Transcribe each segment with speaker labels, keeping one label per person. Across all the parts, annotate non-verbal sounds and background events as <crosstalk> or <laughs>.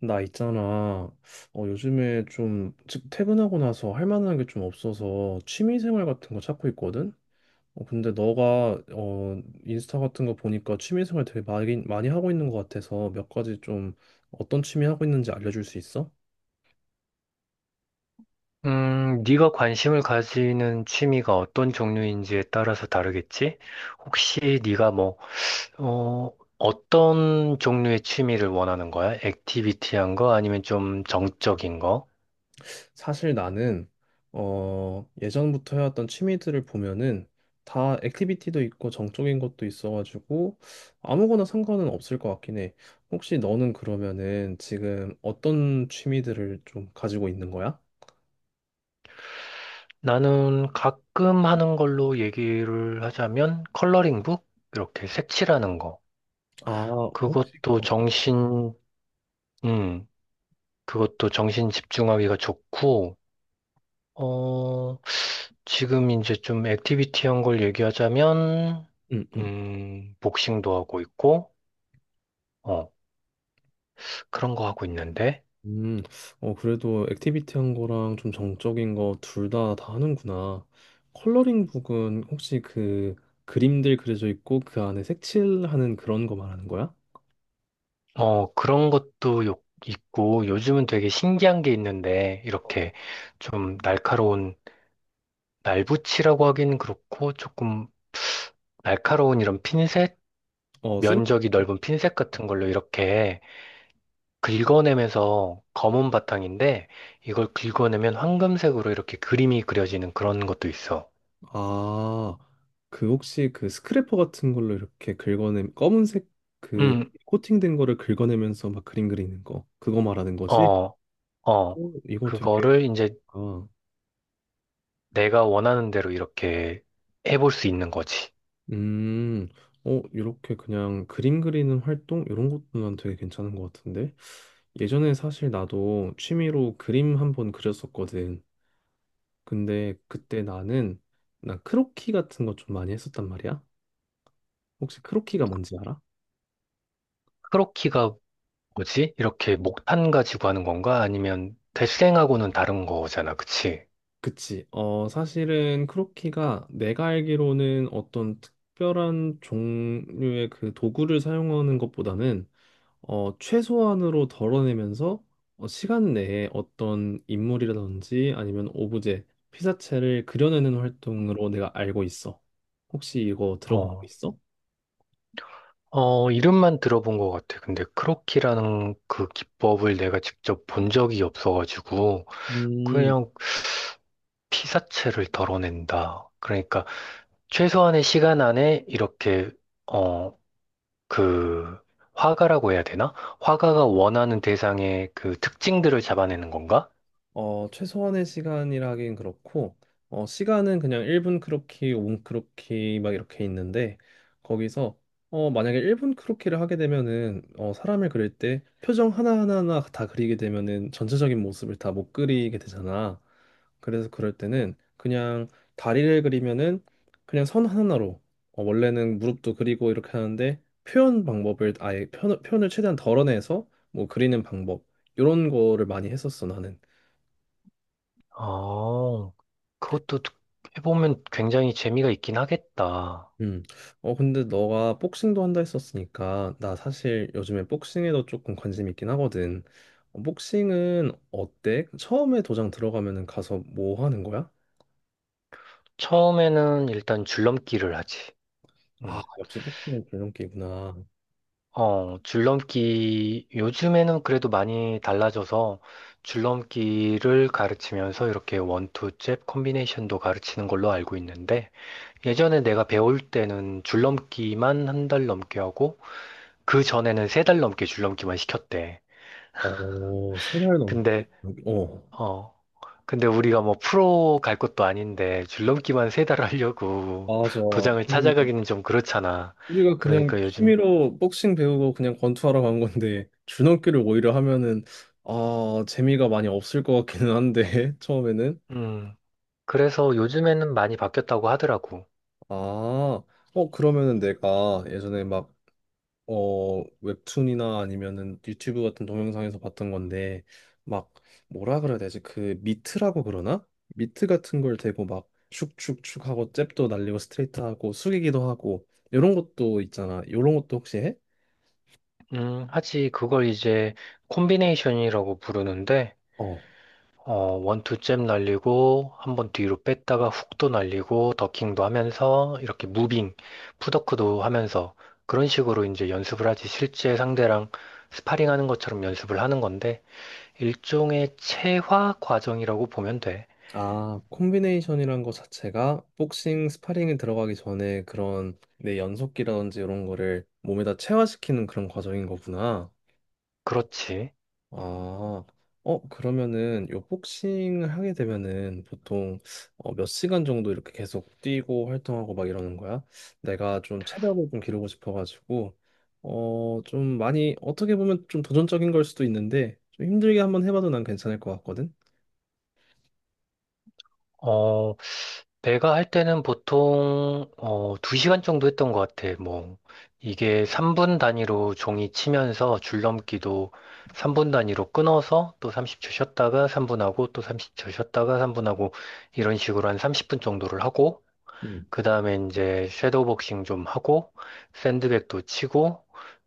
Speaker 1: 나 있잖아. 요즘에 좀, 퇴근하고 나서 할 만한 게 좀 없어서 취미생활 같은 거 찾고 있거든? 근데 너가, 인스타 같은 거 보니까 취미생활 되게 많이, 많이 하고 있는 것 같아서 몇 가지 좀 어떤 취미 하고 있는지 알려줄 수 있어?
Speaker 2: 네가 관심을 가지는 취미가 어떤 종류인지에 따라서 다르겠지? 혹시 네가 뭐, 어, 어떤 종류의 취미를 원하는 거야? 액티비티한 거 아니면 좀 정적인 거?
Speaker 1: 사실 나는 예전부터 해왔던 취미들을 보면은 다 액티비티도 있고 정적인 것도 있어가지고 아무거나 상관은 없을 것 같긴 해. 혹시 너는 그러면은 지금 어떤 취미들을 좀 가지고 있는 거야?
Speaker 2: 나는 가끔 하는 걸로 얘기를 하자면 컬러링북? 이렇게 색칠하는 거.
Speaker 1: 아, 혹시
Speaker 2: 그것도
Speaker 1: 어,
Speaker 2: 정신, 음, 그것도 정신 집중하기가 좋고, 어, 지금 이제 좀 액티비티한 걸 얘기하자면,
Speaker 1: 음, 음,
Speaker 2: 복싱도 하고 있고, 어, 그런 거 하고 있는데,
Speaker 1: 음. 어, 그래도 액티비티한 거랑 좀 정적인 거 둘 다 하는구나. 컬러링 북은 혹시 그 그림들 그려져 있고 그 안에 색칠하는 그런 거 말하는 거야?
Speaker 2: 그런 것도 있고, 요즘은 되게 신기한 게 있는데, 이렇게 좀 날카로운, 날붙이라고 하기는 그렇고, 조금 날카로운 이런 핀셋?
Speaker 1: 어, 쌤.
Speaker 2: 면적이 넓은 핀셋 같은 걸로 이렇게 긁어내면서 검은 바탕인데, 이걸 긁어내면 황금색으로 이렇게 그림이 그려지는 그런 것도 있어.
Speaker 1: 아, 그 혹시 그 스크래퍼 같은 걸로 이렇게 긁어내 검은색 그
Speaker 2: 음.
Speaker 1: 코팅된 거를 긁어내면서 막 그림 그리는 거 그거 말하는 거지?
Speaker 2: 어, 어.
Speaker 1: 오, 이거 되게
Speaker 2: 그거를 이제
Speaker 1: 좋다.
Speaker 2: 내가 원하는 대로 이렇게 해볼 수 있는 거지.
Speaker 1: 음, 어, 이렇게 그냥 그림 그리는 활동 이런 것도 난 되게 괜찮은 것 같은데 예전에 사실 나도 취미로 그림 한 번 그렸었거든. 근데 그때 나는 난 크로키 같은 거 좀 많이 했었단 말이야. 혹시 크로키가 뭔지 알아?
Speaker 2: 크로키가 뭐지? 이렇게 목탄 가지고 하는 건가? 아니면 대생하고는 다른 거잖아, 그치?
Speaker 1: 그치. 사실은 크로키가 내가 알기로는 어떤 특별한 종류의 그 도구를 사용하는 것보다는 최소한으로 덜어내면서 시간 내에 어떤 인물이라든지 아니면 오브제, 피사체를 그려내는 활동으로 내가 알고 있어. 혹시 이거 들어볼 수
Speaker 2: 어,
Speaker 1: 있어?
Speaker 2: 어, 이름만 들어본 것 같아. 근데 크로키라는 그 기법을 내가 직접 본 적이 없어가지고,
Speaker 1: 음,
Speaker 2: 그냥 피사체를 덜어낸다. 그러니까 최소한의 시간 안에 이렇게, 어, 그 화가라고 해야 되나? 화가가 원하는 대상의 그 특징들을 잡아내는 건가?
Speaker 1: 최소한의 시간이라 하긴 그렇고, 시간은 그냥 1분 크로키, 5분 크로키 막 이렇게 있는데, 거기서, 만약에 1분 크로키를 하게 되면은, 사람을 그릴 때 표정 하나하나 다 그리게 되면은 전체적인 모습을 다 못 그리게 되잖아. 그래서 그럴 때는 그냥 다리를 그리면은 그냥 선 하나로, 원래는 무릎도 그리고 이렇게 하는데, 표현 방법을 아예 표현을 최대한 덜어내서 뭐 그리는 방법, 이런 거를 많이 했었어, 나는.
Speaker 2: 어, 그것도 해보면 굉장히 재미가 있긴 하겠다.
Speaker 1: 음. 근데 너가 복싱도 한다 했었으니까, 나 사실 요즘에 복싱에도 조금 관심 있긴 하거든. 복싱은 어때? 처음에 도장 들어가면은 가서 뭐 하는 거야?
Speaker 2: 처음에는 일단 줄넘기를 하지.
Speaker 1: 아,
Speaker 2: 음.
Speaker 1: 역시 복싱은 줄넘기구나.
Speaker 2: 줄넘기, 요즘에는 그래도 많이 달라져서 줄넘기를 가르치면서 이렇게 원투 잽 콤비네이션도 가르치는 걸로 알고 있는데 예전에 내가 배울 때는 줄넘기만 한 달 넘게 하고 그 전에는 세 달 넘게 줄넘기만 시켰대.
Speaker 1: 어, 세 달 넘게.
Speaker 2: 근데,
Speaker 1: 어,
Speaker 2: 어, 근데 우리가 뭐 프로 갈 것도 아닌데 줄넘기만 세 달 하려고
Speaker 1: 맞아.
Speaker 2: <laughs> 도장을
Speaker 1: 아니,
Speaker 2: 찾아가기는 좀 그렇잖아.
Speaker 1: 우리가 그냥
Speaker 2: 그러니까 요즘,
Speaker 1: 취미로 복싱 배우고 그냥 권투하러 간 건데, <laughs> 줄넘기를 오히려 하면은, 아, 재미가 많이 없을 것 같기는 한데, <laughs> 처음에는.
Speaker 2: 음, 그래서 요즘에는 많이 바뀌었다고 하더라고.
Speaker 1: 아, 그러면은 내가 예전에 막, 웹툰이나 아니면은 유튜브 같은 동영상에서 봤던 건데, 막, 뭐라 그래야 되지? 그 미트라고 그러나? 미트 같은 걸 대고 막, 축축축 하고, 잽도 날리고, 스트레이트 하고, 숙이기도 하고, 이런 것도 있잖아. 이런 것도 혹시 해?
Speaker 2: 하지, 그걸 이제 콤비네이션이라고 부르는데,
Speaker 1: 어.
Speaker 2: 어, 원투잽 날리고, 한번 뒤로 뺐다가 훅도 날리고, 더킹도 하면서, 이렇게 무빙, 풋워크도 하면서, 그런 식으로 이제 연습을 하지, 실제 상대랑 스파링 하는 것처럼 연습을 하는 건데, 일종의 체화 과정이라고 보면 돼.
Speaker 1: 아, 콤비네이션이란 거 자체가 복싱, 스파링에 들어가기 전에 그런 내 연속기라든지 이런 거를 몸에다 체화시키는 그런 과정인 거구나.
Speaker 2: 그렇지.
Speaker 1: 아, 그러면은 요 복싱을 하게 되면은 보통 몇 시간 정도 이렇게 계속 뛰고 활동하고 막 이러는 거야? 내가 좀 체력을 좀 기르고 싶어가지고 좀 많이 어떻게 보면 좀 도전적인 걸 수도 있는데 좀 힘들게 한번 해봐도 난 괜찮을 것 같거든?
Speaker 2: 어, 내가 할 때는 보통, 2시간 정도 했던 것 같아. 뭐, 이게 3분 단위로 종이 치면서 줄넘기도 3분 단위로 끊어서 또 30초 쉬었다가 3분 하고 또 30초 쉬었다가 3분 하고 이런 식으로 한 30분 정도를 하고,
Speaker 1: 음.
Speaker 2: 그 다음에 이제 섀도우 복싱 좀 하고, 샌드백도 치고,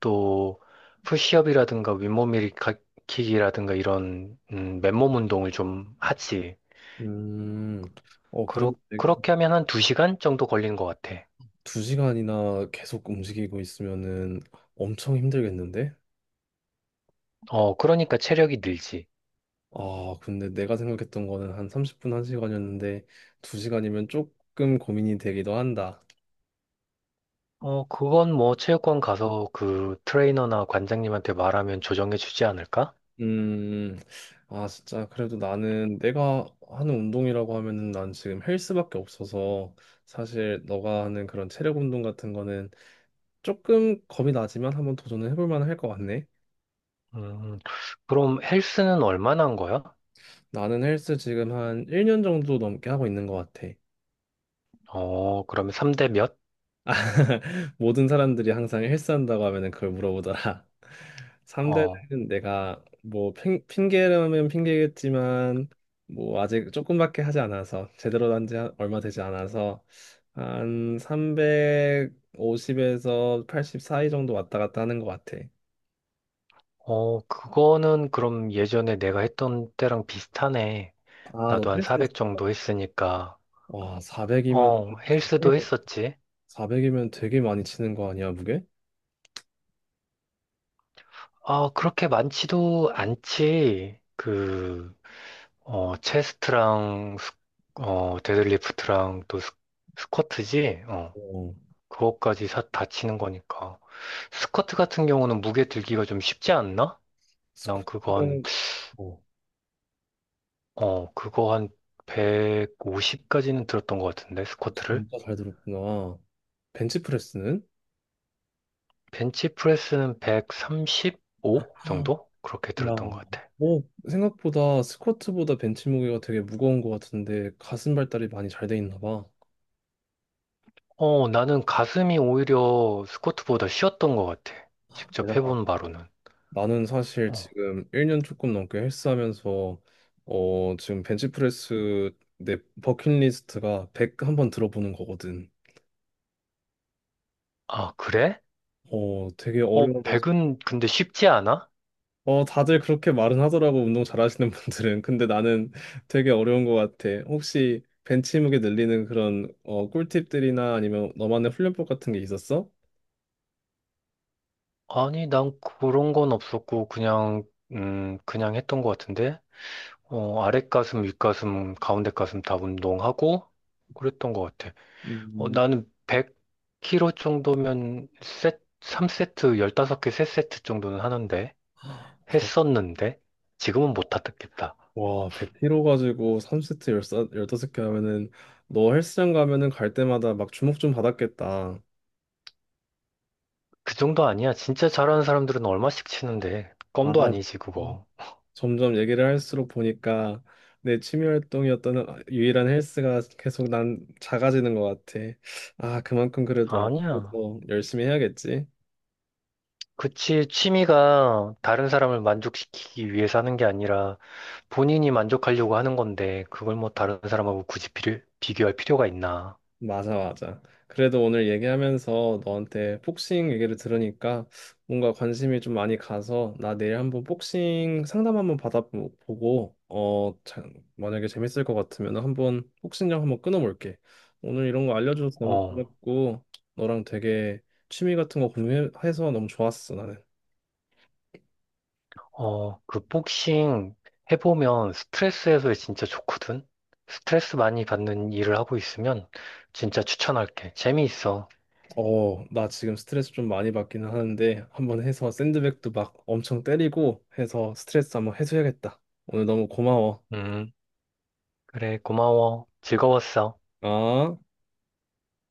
Speaker 2: 또 푸시업이라든가 윗몸 일으키기라든가 이런, 맨몸 운동을 좀 하지.
Speaker 1: 음,
Speaker 2: 그렇,
Speaker 1: 그래도 되게
Speaker 2: 그렇게 하면 한 2시간 정도 걸리는 것 같아.
Speaker 1: 두 시간이나 계속 움직이고 있으면은 엄청 힘들겠는데?
Speaker 2: 그러니까 체력이 늘지.
Speaker 1: 아, 근데 내가 생각했던 거는 한 30분, 1시간이었는데 2시간이면 조금 고민이 되기도 한다.
Speaker 2: 그건 뭐 체육관 가서 그 트레이너나 관장님한테 말하면 조정해 주지 않을까?
Speaker 1: 음, 아, 진짜 그래도 나는 내가 하는 운동이라고 하면은 난 지금 헬스밖에 없어서 사실 너가 하는 그런 체력 운동 같은 거는 조금 겁이 나지만 한번 도전을 해볼 만할 것 같네.
Speaker 2: 음, 그럼 헬스는 얼마나 한 거야?
Speaker 1: 나는 헬스 지금 한 1년 정도 넘게 하고 있는 것 같아.
Speaker 2: 그러면 3대 몇?
Speaker 1: <laughs> 모든 사람들이 항상 헬스한다고 하면은 그걸 물어보더라. <laughs>
Speaker 2: 어,
Speaker 1: 3대는 내가 뭐 핑계라면 핑계겠지만 뭐 아직 조금밖에 하지 않아서 제대로 한 지 얼마 되지 않아서 한 350에서 80 사이 정도 왔다 갔다 하는 것 같아.
Speaker 2: 어, 그거는 그럼 예전에 내가 했던 때랑 비슷하네.
Speaker 1: 아, 너
Speaker 2: 나도 한
Speaker 1: 헬스.
Speaker 2: 400 정도 했으니까.
Speaker 1: 와, 400이면,
Speaker 2: 헬스도 했었지.
Speaker 1: 되게 많이 치는 거 아니야, 무게?
Speaker 2: 아, 그렇게 많지도 않지. 체스트랑, 데드리프트랑 또 스쿼트지?
Speaker 1: 어,
Speaker 2: 그것까지 다 치는 거니까. 스쿼트 같은 경우는 무게 들기가 좀 쉽지 않나? 난
Speaker 1: 스쿼트는. 어,
Speaker 2: 그거 한 150까지는 들었던 것 같은데, 스쿼트를.
Speaker 1: 진짜 잘 들었구나. 벤치프레스는?
Speaker 2: 벤치프레스는 135 정도? 그렇게
Speaker 1: 야,
Speaker 2: 들었던 것 같아.
Speaker 1: 오, 생각보다 스쿼트보다 벤치 무게가 되게 무거운 것 같은데 가슴 발달이 많이 잘 돼 있나 봐.
Speaker 2: 나는 가슴이 오히려 스쿼트보다 쉬웠던 것 같아. 직접
Speaker 1: 대단하다.
Speaker 2: 해본 바로는.
Speaker 1: 나는 사실
Speaker 2: 어.
Speaker 1: 지금 1년 조금 넘게 헬스하면서 지금 벤치프레스 내 버킷리스트가 100 한번 들어보는 거거든.
Speaker 2: 아, 그래?
Speaker 1: 되게 어려워가지고.
Speaker 2: 백은 근데 쉽지 않아?
Speaker 1: 어, 다들 그렇게 말은 하더라고, 운동 잘하시는 분들은. 근데 나는 되게 어려운 것 같아. 혹시 벤치 무게 늘리는 그런 꿀팁들이나 아니면 너만의 훈련법 같은 게 있었어?
Speaker 2: 아니, 난 그런 건 없었고, 그냥 했던 것 같은데? 아랫가슴, 윗가슴, 가운데 가슴 다 운동하고, 그랬던 것 같아.
Speaker 1: 음,
Speaker 2: 나는 100kg 정도면 3세트, 15개, 3세트 정도는 하는데,
Speaker 1: 자,
Speaker 2: 했었는데, 지금은 못 하겠다.
Speaker 1: 와, 100kg 가지고 3세트 15개 하면은 너 헬스장 가면은 갈 때마다 막 주목 좀 받았겠다.
Speaker 2: 그 정도 아니야. 진짜 잘하는 사람들은 얼마씩 치는데, 껌도
Speaker 1: 아,
Speaker 2: 아니지, 그거.
Speaker 1: 점점 얘기를 할수록 보니까 내 취미 활동이었던 유일한 헬스가 계속 난 작아지는 것 같아. 아, 그만큼 그래도
Speaker 2: 아니야.
Speaker 1: 앞으로 더 열심히 해야겠지.
Speaker 2: 그치, 취미가 다른 사람을 만족시키기 위해서 하는 게 아니라 본인이 만족하려고 하는 건데, 그걸 뭐 다른 사람하고 굳이 비교할 필요가 있나.
Speaker 1: 맞아, 맞아. 그래도 오늘 얘기하면서 너한테 복싱 얘기를 들으니까 뭔가 관심이 좀 많이 가서 나 내일 한번 복싱 상담 한번 받아보고 만약에 재밌을 것 같으면 한번 복싱장 한번 끊어볼게. 오늘 이런 거 알려줘서 너무
Speaker 2: 어,
Speaker 1: 고맙고 너랑 되게 취미 같은 거 공유해서 너무 좋았어, 나는.
Speaker 2: 어, 그 복싱 해보면 스트레스 해소에 진짜 좋거든? 스트레스 많이 받는 일을 하고 있으면 진짜 추천할게. 재미있어.
Speaker 1: 나 지금 스트레스 좀 많이 받기는 하는데 한번 해서 샌드백도 막 엄청 때리고 해서 스트레스 한번 해소해야겠다. 오늘 너무 고마워.
Speaker 2: 음, 그래, 고마워. 즐거웠어.
Speaker 1: 아.